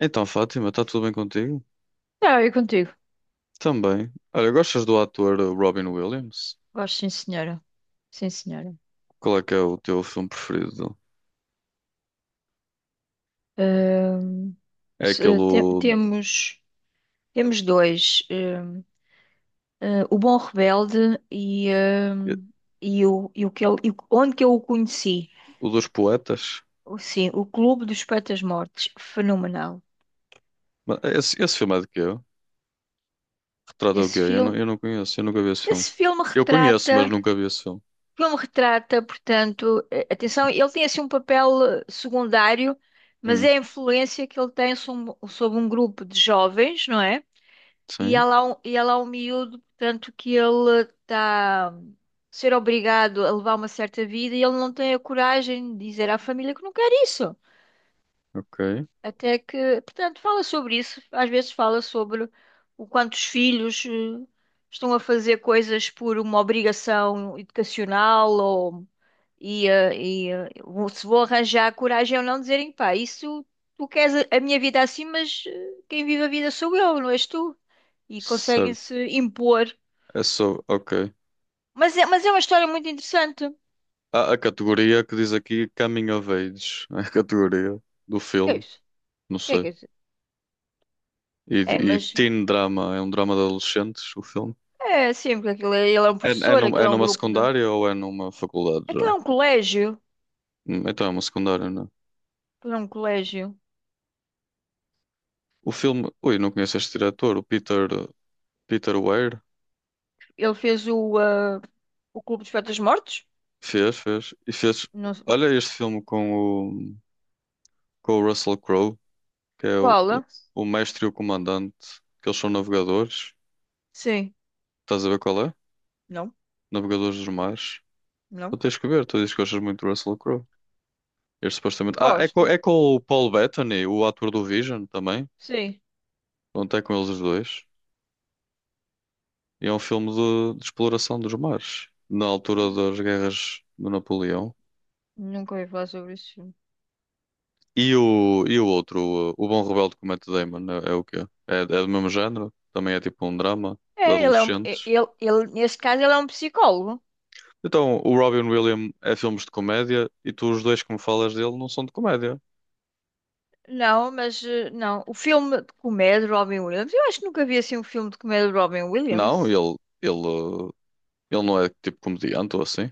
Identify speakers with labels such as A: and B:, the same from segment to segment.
A: Então, Fátima, está tudo bem contigo?
B: Não, eu contigo.
A: Também. Olha, gostas do ator Robin Williams?
B: Gosto, sim, senhora. Sim, senhora.
A: Qual é que é o teu filme preferido dele?
B: Ahm,
A: É
B: se-
A: aquele
B: eh, te-
A: o,
B: temos, temos dois. O Bom Rebelde e o que ele, e o- onde que eu o conheci.
A: o dos poetas?
B: Sim, o Clube dos Poetas Mortos. Fenomenal.
A: Mas esse filme é de quê? Retrata o quê?
B: Esse
A: Eu não,
B: filme,
A: eu não conheço, eu nunca vi esse filme.
B: esse filme
A: Eu conheço, mas
B: retrata,
A: nunca vi esse filme.
B: filme retrata, portanto, atenção, ele tem assim um papel secundário, mas
A: Hum,
B: é a influência que ele tem sobre um grupo de jovens, não é? E
A: sim,
B: ela, é um- e ela é um miúdo, portanto, que ele está a ser obrigado a levar uma certa vida e ele não tem a coragem de dizer à família que não quer isso.
A: ok.
B: Até que, portanto, fala sobre isso. Às vezes fala sobre o quanto os filhos estão a fazer coisas por uma obrigação educacional ou se vou arranjar coragem ou não dizerem, pá, isso tu queres a minha vida assim, mas quem vive a vida sou eu, não és tu e
A: Certo.
B: conseguem-se impor.
A: É só, ok.
B: Mas é uma história muito interessante. O
A: Há a categoria que diz aqui Coming of Age, é a categoria do
B: Que é
A: filme,
B: isso?
A: não
B: O que
A: sei.
B: é isso?
A: E,
B: É,
A: e
B: mas
A: teen drama, é um drama de adolescentes, o filme.
B: é sim, porque aquilo é, ele é um
A: É, é,
B: professor,
A: num-
B: aquilo
A: é
B: é um
A: numa
B: grupo de.
A: secundária ou é numa faculdade
B: Aquilo
A: já?
B: é um colégio.
A: Então é uma secundária, não é?
B: Aquilo é um colégio.
A: O filme. Ui, não conheço este diretor, o Peter Weir.
B: Ele fez o Clube dos Poetas Mortos?
A: Fez, fez. E fez.
B: Não sei.
A: Olha este filme com o, com o Russell Crowe, que é o,
B: Qual?
A: o,
B: Ah?
A: o mestre e o comandante, que eles são navegadores.
B: Sim.
A: Estás a ver qual é?
B: Não?
A: Navegadores dos mares. Tu
B: Não?
A: tens que ver, tu dizes que gostas muito do Russell Crowe. Este supostamente. Ah, é com,
B: Gosto.
A: é com o Paul Bettany, o ator do Vision também.
B: Sim.
A: Pronto, é com eles os dois. E é um filme de exploração dos mares, na altura das guerras do Napoleão.
B: Nunca ouvi falar sobre isso.
A: E o outro, o Bom Rebelde com o Matt Damon, é o quê? É do mesmo género? Também é tipo um drama de
B: É, ele é um. é-
A: adolescentes.
B: Ele, ele, neste caso, ele é um psicólogo.
A: Então, o Robin Williams é filmes de comédia e tu os dois que me falas dele não são de comédia.
B: Não, mas não. O filme de comédia de Robin Williams. Eu acho que nunca vi assim um filme de comédia de Robin
A: Não,
B: Williams.
A: ele não é tipo comediante ou assim.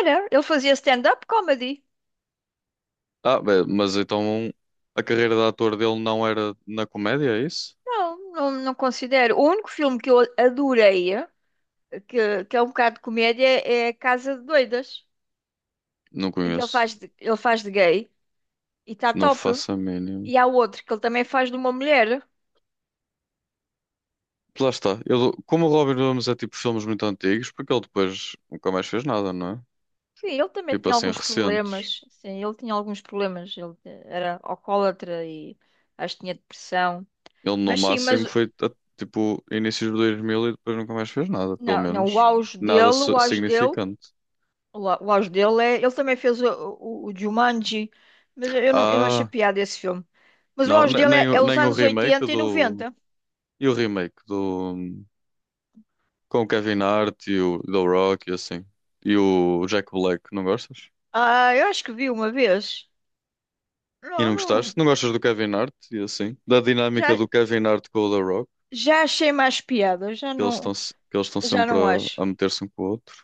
B: Era, ele fazia stand-up comedy.
A: Ah, bem, mas então a carreira de ator dele não era na comédia, é isso?
B: Não, não, não considero. O único filme que eu adorei, que é um bocado de comédia, é Casa de Doidas,
A: Não
B: em que
A: conheço.
B: ele faz de gay e está
A: Não
B: top.
A: faço a mínima.
B: E há outro que ele também faz de uma mulher.
A: Lá está. Eu, como o Robin Williams é tipo filmes muito antigos, porque ele depois nunca mais fez nada, não é?
B: Sim, ele também
A: Tipo
B: tinha
A: assim,
B: alguns
A: recentes.
B: problemas. Sim, ele tinha alguns problemas. Ele era alcoólatra e acho que tinha depressão.
A: Ele no
B: Mas sim, mas
A: máximo tipo inícios de 2000 e depois nunca mais fez nada, pelo
B: não, não,
A: menos. Nada significante.
B: O auge dele é. Ele também fez o Jumanji, mas eu não achei
A: Ah,
B: piada esse filme. Mas o
A: não,
B: auge
A: ne-
B: dele
A: nem,
B: é,
A: o-
B: é os
A: nem o
B: anos
A: remake
B: oitenta e
A: do.
B: noventa?
A: E o remake do. Com o Kevin Hart e o The Rock e assim. E o Jack Black, não gostas?
B: Ah, eu acho que vi uma vez.
A: E não
B: Não,
A: gostaste?
B: não.
A: Não gostas do Kevin Hart e assim? Da dinâmica
B: Já,
A: do Kevin Hart com o The Rock?
B: já achei mais piada, já
A: Que eles estão
B: não,
A: se- que eles estão
B: já
A: sempre
B: não
A: a,
B: acho.
A: a meter-se um com o outro.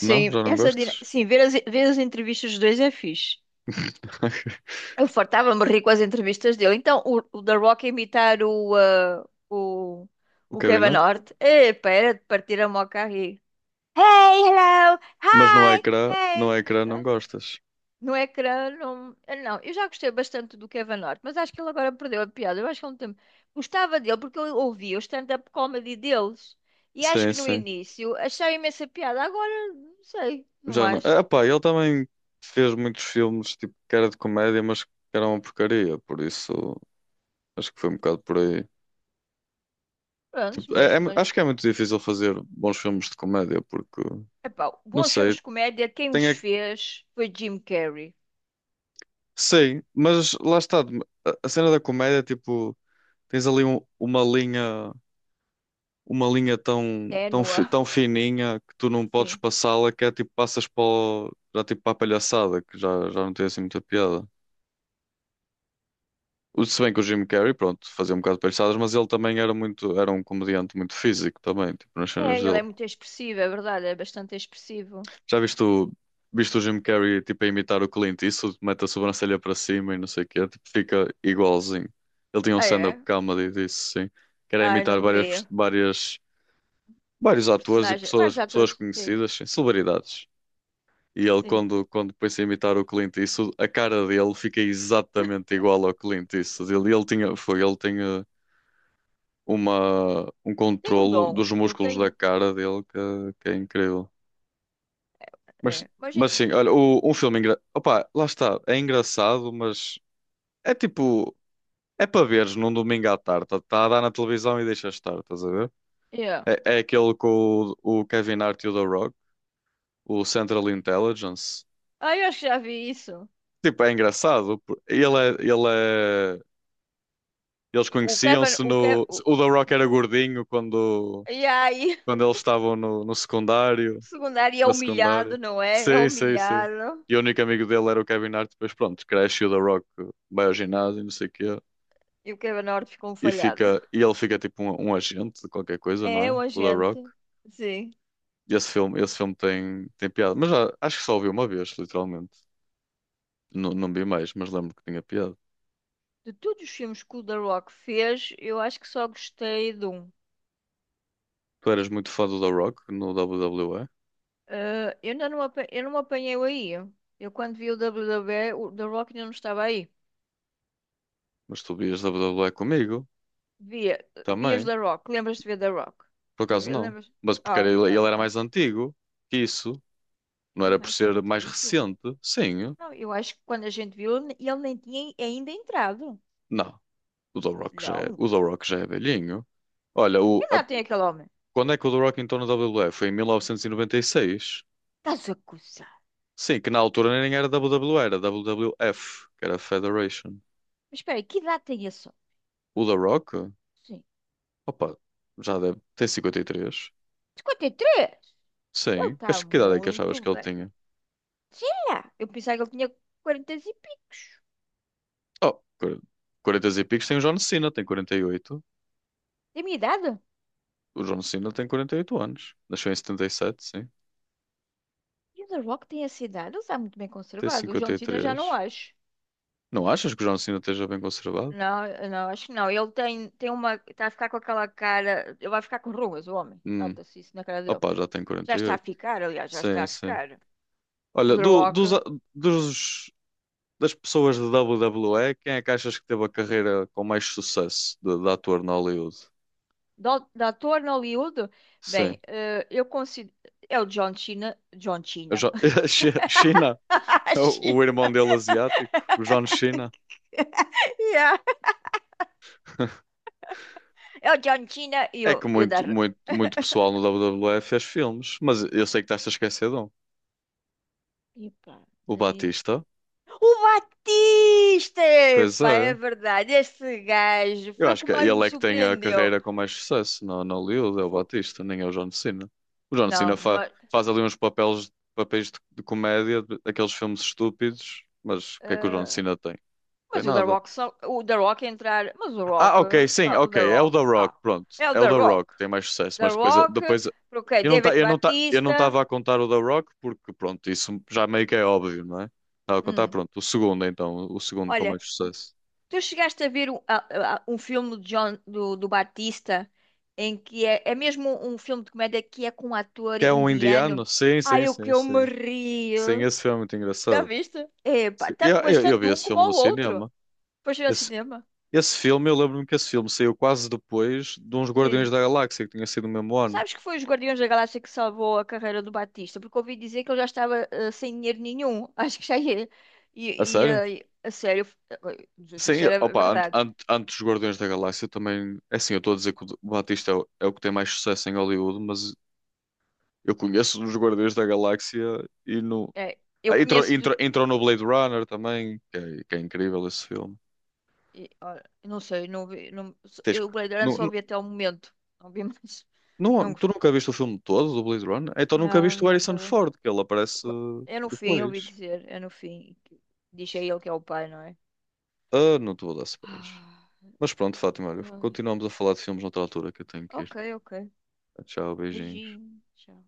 A: Não, já não gostas?
B: sim, ver as entrevistas dos dois é fixe. Eu fartava-me rir com as entrevistas dele. Então, o The Rock a imitar o, ah, o,
A: O
B: o
A: Kevin
B: Kevin
A: Hart?
B: Hart, epá, era de partir a moca aí Hey, hello,
A: Mas no
B: hi,
A: ecrã, no
B: hey.
A: ecrã não
B: Hã?
A: gostas.
B: No ecrã, não. eu Não, eu já gostei bastante do Kevin Hart, mas acho que ele agora perdeu a piada. Eu acho que há um tempo gostava dele porque eu ouvia o stand-up comedy deles e acho
A: Sim,
B: que no
A: sim.
B: início achava imensa piada. Agora, não sei, não
A: Já não. Ah,
B: acho.
A: pá, ele também fez muitos filmes tipo que era de comédia, mas que era uma porcaria, por isso acho que foi um bocado por aí.
B: Prontos,
A: Tipo,
B: mas,
A: acho que
B: mas.
A: é muito difícil fazer bons filmes de comédia, porque
B: Epá,
A: não
B: bons filmes
A: sei,
B: de comédia, quem
A: tem
B: os
A: é que.
B: fez foi Jim Carrey.
A: Sei, mas lá está, a cena da comédia, tipo, tens ali Uma linha tão, tão,
B: Ténua.
A: tão fininha que tu não podes
B: Sim.
A: passá-la, que é tipo, passas já tipo para a palhaçada, que já não tem assim muita piada. Se bem que o Jim Carrey, pronto, fazia um bocado de palhaçadas, mas ele também era um comediante muito físico também, tipo, nas
B: É,
A: cenas
B: ele
A: dele.
B: é muito expressivo, é verdade, é bastante expressivo.
A: Já viste o Jim Carrey, tipo, a imitar o Clint Eastwood, mete a sobrancelha para cima e não sei o quê, tipo, fica igualzinho. Ele tinha um
B: Ah,
A: stand-up
B: é?
A: comedy disso, sim, que era
B: Ai,
A: imitar
B: não vi.
A: vários atores e
B: Personagem,
A: pessoas,
B: vários
A: pessoas
B: atores, sim,
A: conhecidas, sim, celebridades. E ele,
B: sim.
A: quando pôs a imitar o Clint Eastwood, a cara dele fica exatamente igual ao Clint Eastwood. Ele tinha um
B: Tem um
A: controlo
B: dom,
A: dos
B: eu
A: músculos da
B: tenho,
A: cara dele que é incrível. Mas,
B: é, mas, é.
A: mas sim, olha, o, um filme engra... Opa, lá está, é engraçado, mas é tipo, é para veres num domingo à tarde. Está a dar na televisão e deixa estar, estás a ver?
B: Yeah.
A: É aquele com o Kevin Hart e o The Rock, o Central Intelligence.
B: Ah, eu acho que já vi isso.
A: Tipo, é engraçado. Eles
B: O Kevin,
A: conheciam-se
B: o Kevin,
A: no.
B: o...
A: O The Rock era gordinho quando,
B: E aí,
A: quando eles estavam no, no
B: o
A: secundário,
B: secundário é
A: na
B: humilhado,
A: secundária.
B: não é? É
A: Sim, sim, sim.
B: humilhado,
A: E o único amigo dele era o Kevin Hart. Depois, pronto, cresce e o The Rock vai ao ginásio, e não sei o quê.
B: e o Kevin Hart ficou um
A: E,
B: falhado.
A: fica, e ele fica tipo um agente de qualquer coisa, não
B: É
A: é?
B: o
A: O The Rock.
B: agente, sim.
A: E esse filme tem piada. Mas já, acho que só o vi uma vez, literalmente. Não, não vi mais, mas lembro que tinha piada.
B: De todos os filmes que o The Rock fez, eu acho que só gostei de um.
A: Tu eras muito fã do The Rock no WWE,
B: Ah, eu ainda não, eu não me apanhei aí. Eu quando vi o WWE, o The Rock ainda não estava aí.
A: mas tu vias WWE comigo
B: Via, vias
A: também.
B: da Rock. Lembras-te de ver da Rock?
A: Por acaso não.
B: Lembras?
A: Mas porque
B: Ah,
A: era-
B: tá,
A: ele era
B: tá.
A: mais antigo que isso. Não
B: Era
A: era por
B: mais
A: ser mais
B: antigo?
A: recente. Sim.
B: Não, eu acho que quando a gente viu, ele nem tinha ainda entrado.
A: Não. O The Rock já é,
B: Não.
A: o The Rock já é velhinho. Olha,
B: Que idade tem aquele homem?
A: quando é que o The Rock entrou na WWF? Foi em 1996.
B: Estás a coçar.
A: Sim, que na altura nem era WWE, era WWF, que era Federation.
B: Mas espera aí, que idade tem esse homem?
A: O The Rock?
B: Sim.
A: Opa, já deve ter 53.
B: 53?
A: Sim.
B: Ele está
A: Que idade é que achavas
B: muito
A: que ele
B: bem.
A: tinha?
B: Sei lá. Eu pensava que ele tinha 40 e picos.
A: Oh, 40 e picos tem o John Cena, tem 48.
B: Da minha idade?
A: O John Cena tem 48 anos. Nasceu em 77, sim.
B: E o The Rock tem essa idade? Ele está muito bem
A: Tem
B: conservado. O John Cena já não
A: 53.
B: acho.
A: Não achas que o John Cena esteja bem conservado?
B: Não, não, acho que não. Ele tem uma. Está a ficar com aquela cara. Ele vai ficar com rugas, o homem.
A: Hum.
B: Nota-se isso na cara dele.
A: Opa, já tem
B: Já está a
A: 48.
B: ficar, aliás, já está
A: Sim,
B: a
A: sim.
B: ficar. O
A: Olha,
B: The Rock.
A: dos- das pessoas de WWE, quem é que achas que teve a carreira com mais sucesso de ator na Hollywood?
B: De ator no Hollywood? Bem,
A: Sim.
B: eu considero. É o John Cena. John
A: Eu
B: Cena.
A: já- China. O irmão
B: China.
A: dele asiático, o John Cena.
B: Yeah. É o John Cena e
A: É
B: o,
A: que
B: e o da.
A: muito, muito, muito pessoal no WWE fez filmes, mas eu sei que estás a esquecer de um.
B: Epá.
A: O Batista.
B: O Batista!
A: Pois
B: Epá, é
A: é.
B: verdade. Este gajo
A: Eu
B: foi o
A: acho
B: que
A: que
B: mais me
A: ele é que tem a
B: surpreendeu.
A: carreira com mais sucesso no Hollywood, é o
B: Fogo.
A: Batista, nem é o John Cena. O John Cena
B: Não, não
A: fa-
B: é.
A: faz ali uns papéis de comédia, aqueles filmes estúpidos, mas o que é que o John
B: eh,
A: Cena tem? Tem
B: mas o The
A: nada.
B: Rock só. O The Rock é entrar. Mas o
A: Ah,
B: Rock.
A: ok, sim,
B: Ah, o
A: ok,
B: The
A: é o
B: Rock.
A: The Rock,
B: Ah,
A: pronto.
B: é o
A: É o
B: The
A: The Rock,
B: Rock.
A: tem mais sucesso,
B: The
A: mas depois,
B: Rock.
A: depois
B: Ok,
A: eu não tá,
B: David
A: eu não tá, eu não
B: Batista.
A: estava a contar o The Rock porque, pronto, isso já meio que é óbvio, não é? Estava a contar,
B: Hum.
A: pronto, o segundo então, o segundo com
B: Olha,
A: mais sucesso.
B: tu chegaste a ver um filme do, John, do Batista em que é mesmo um filme de comédia que é com um ator
A: Que é um
B: indiano.
A: indiano? Sim, sim,
B: Ai, o
A: sim,
B: que eu me
A: sim.
B: ri.
A: Sim, esse filme é muito
B: Já
A: engraçado.
B: viste?
A: Sim,
B: Epa,
A: Eu,
B: mas
A: eu, eu vi
B: tanto um
A: esse
B: como
A: filme no
B: o outro.
A: cinema.
B: Pois ir ao
A: Esse,
B: cinema.
A: esse filme, eu lembro-me que esse filme saiu quase depois de uns Guardiões
B: Sim.
A: da Galáxia, que tinha sido no mesmo ano.
B: Sabes que foi os Guardiões da Galáxia que salvou a carreira do Batista? Porque ouvi dizer que ele já estava sem dinheiro nenhum. Acho que já ia. E,
A: A
B: e,
A: sério?
B: eh, a sério, não sei se
A: Sim,
B: isto era
A: opa,
B: verdade.
A: antes dos Guardiões da Galáxia também. É assim, eu estou a dizer que o Batista é o que tem mais sucesso em Hollywood, mas eu conheço os Guardiões da Galáxia e no.
B: É, eu
A: Ah, entrou,
B: conheço. de-
A: entrou, entrou no Blade Runner também, que é incrível esse filme.
B: e, olha, eu não sei, não vi. Não,
A: Tens
B: eu o
A: que.
B: Blade Runner só vi até o momento. Não vi mais.
A: Não,
B: Não,
A: tu nunca viste o filme todo do Blade Runner? Então nunca
B: não,
A: viste o Harrison
B: nunca vi.
A: Ford, que ele aparece
B: Ba- É no fim, ouvi
A: depois.
B: dizer. É no fim. Diz a ele que é o pai, não é?
A: Ah, não te vou dar spoilers.
B: Ah,
A: Mas pronto, Fátima, olha,
B: ai.
A: continuamos a falar de filmes noutra altura que eu tenho que
B: Ok,
A: ir.
B: ok.
A: Tchau, beijinhos.
B: Beijinho. Tchau.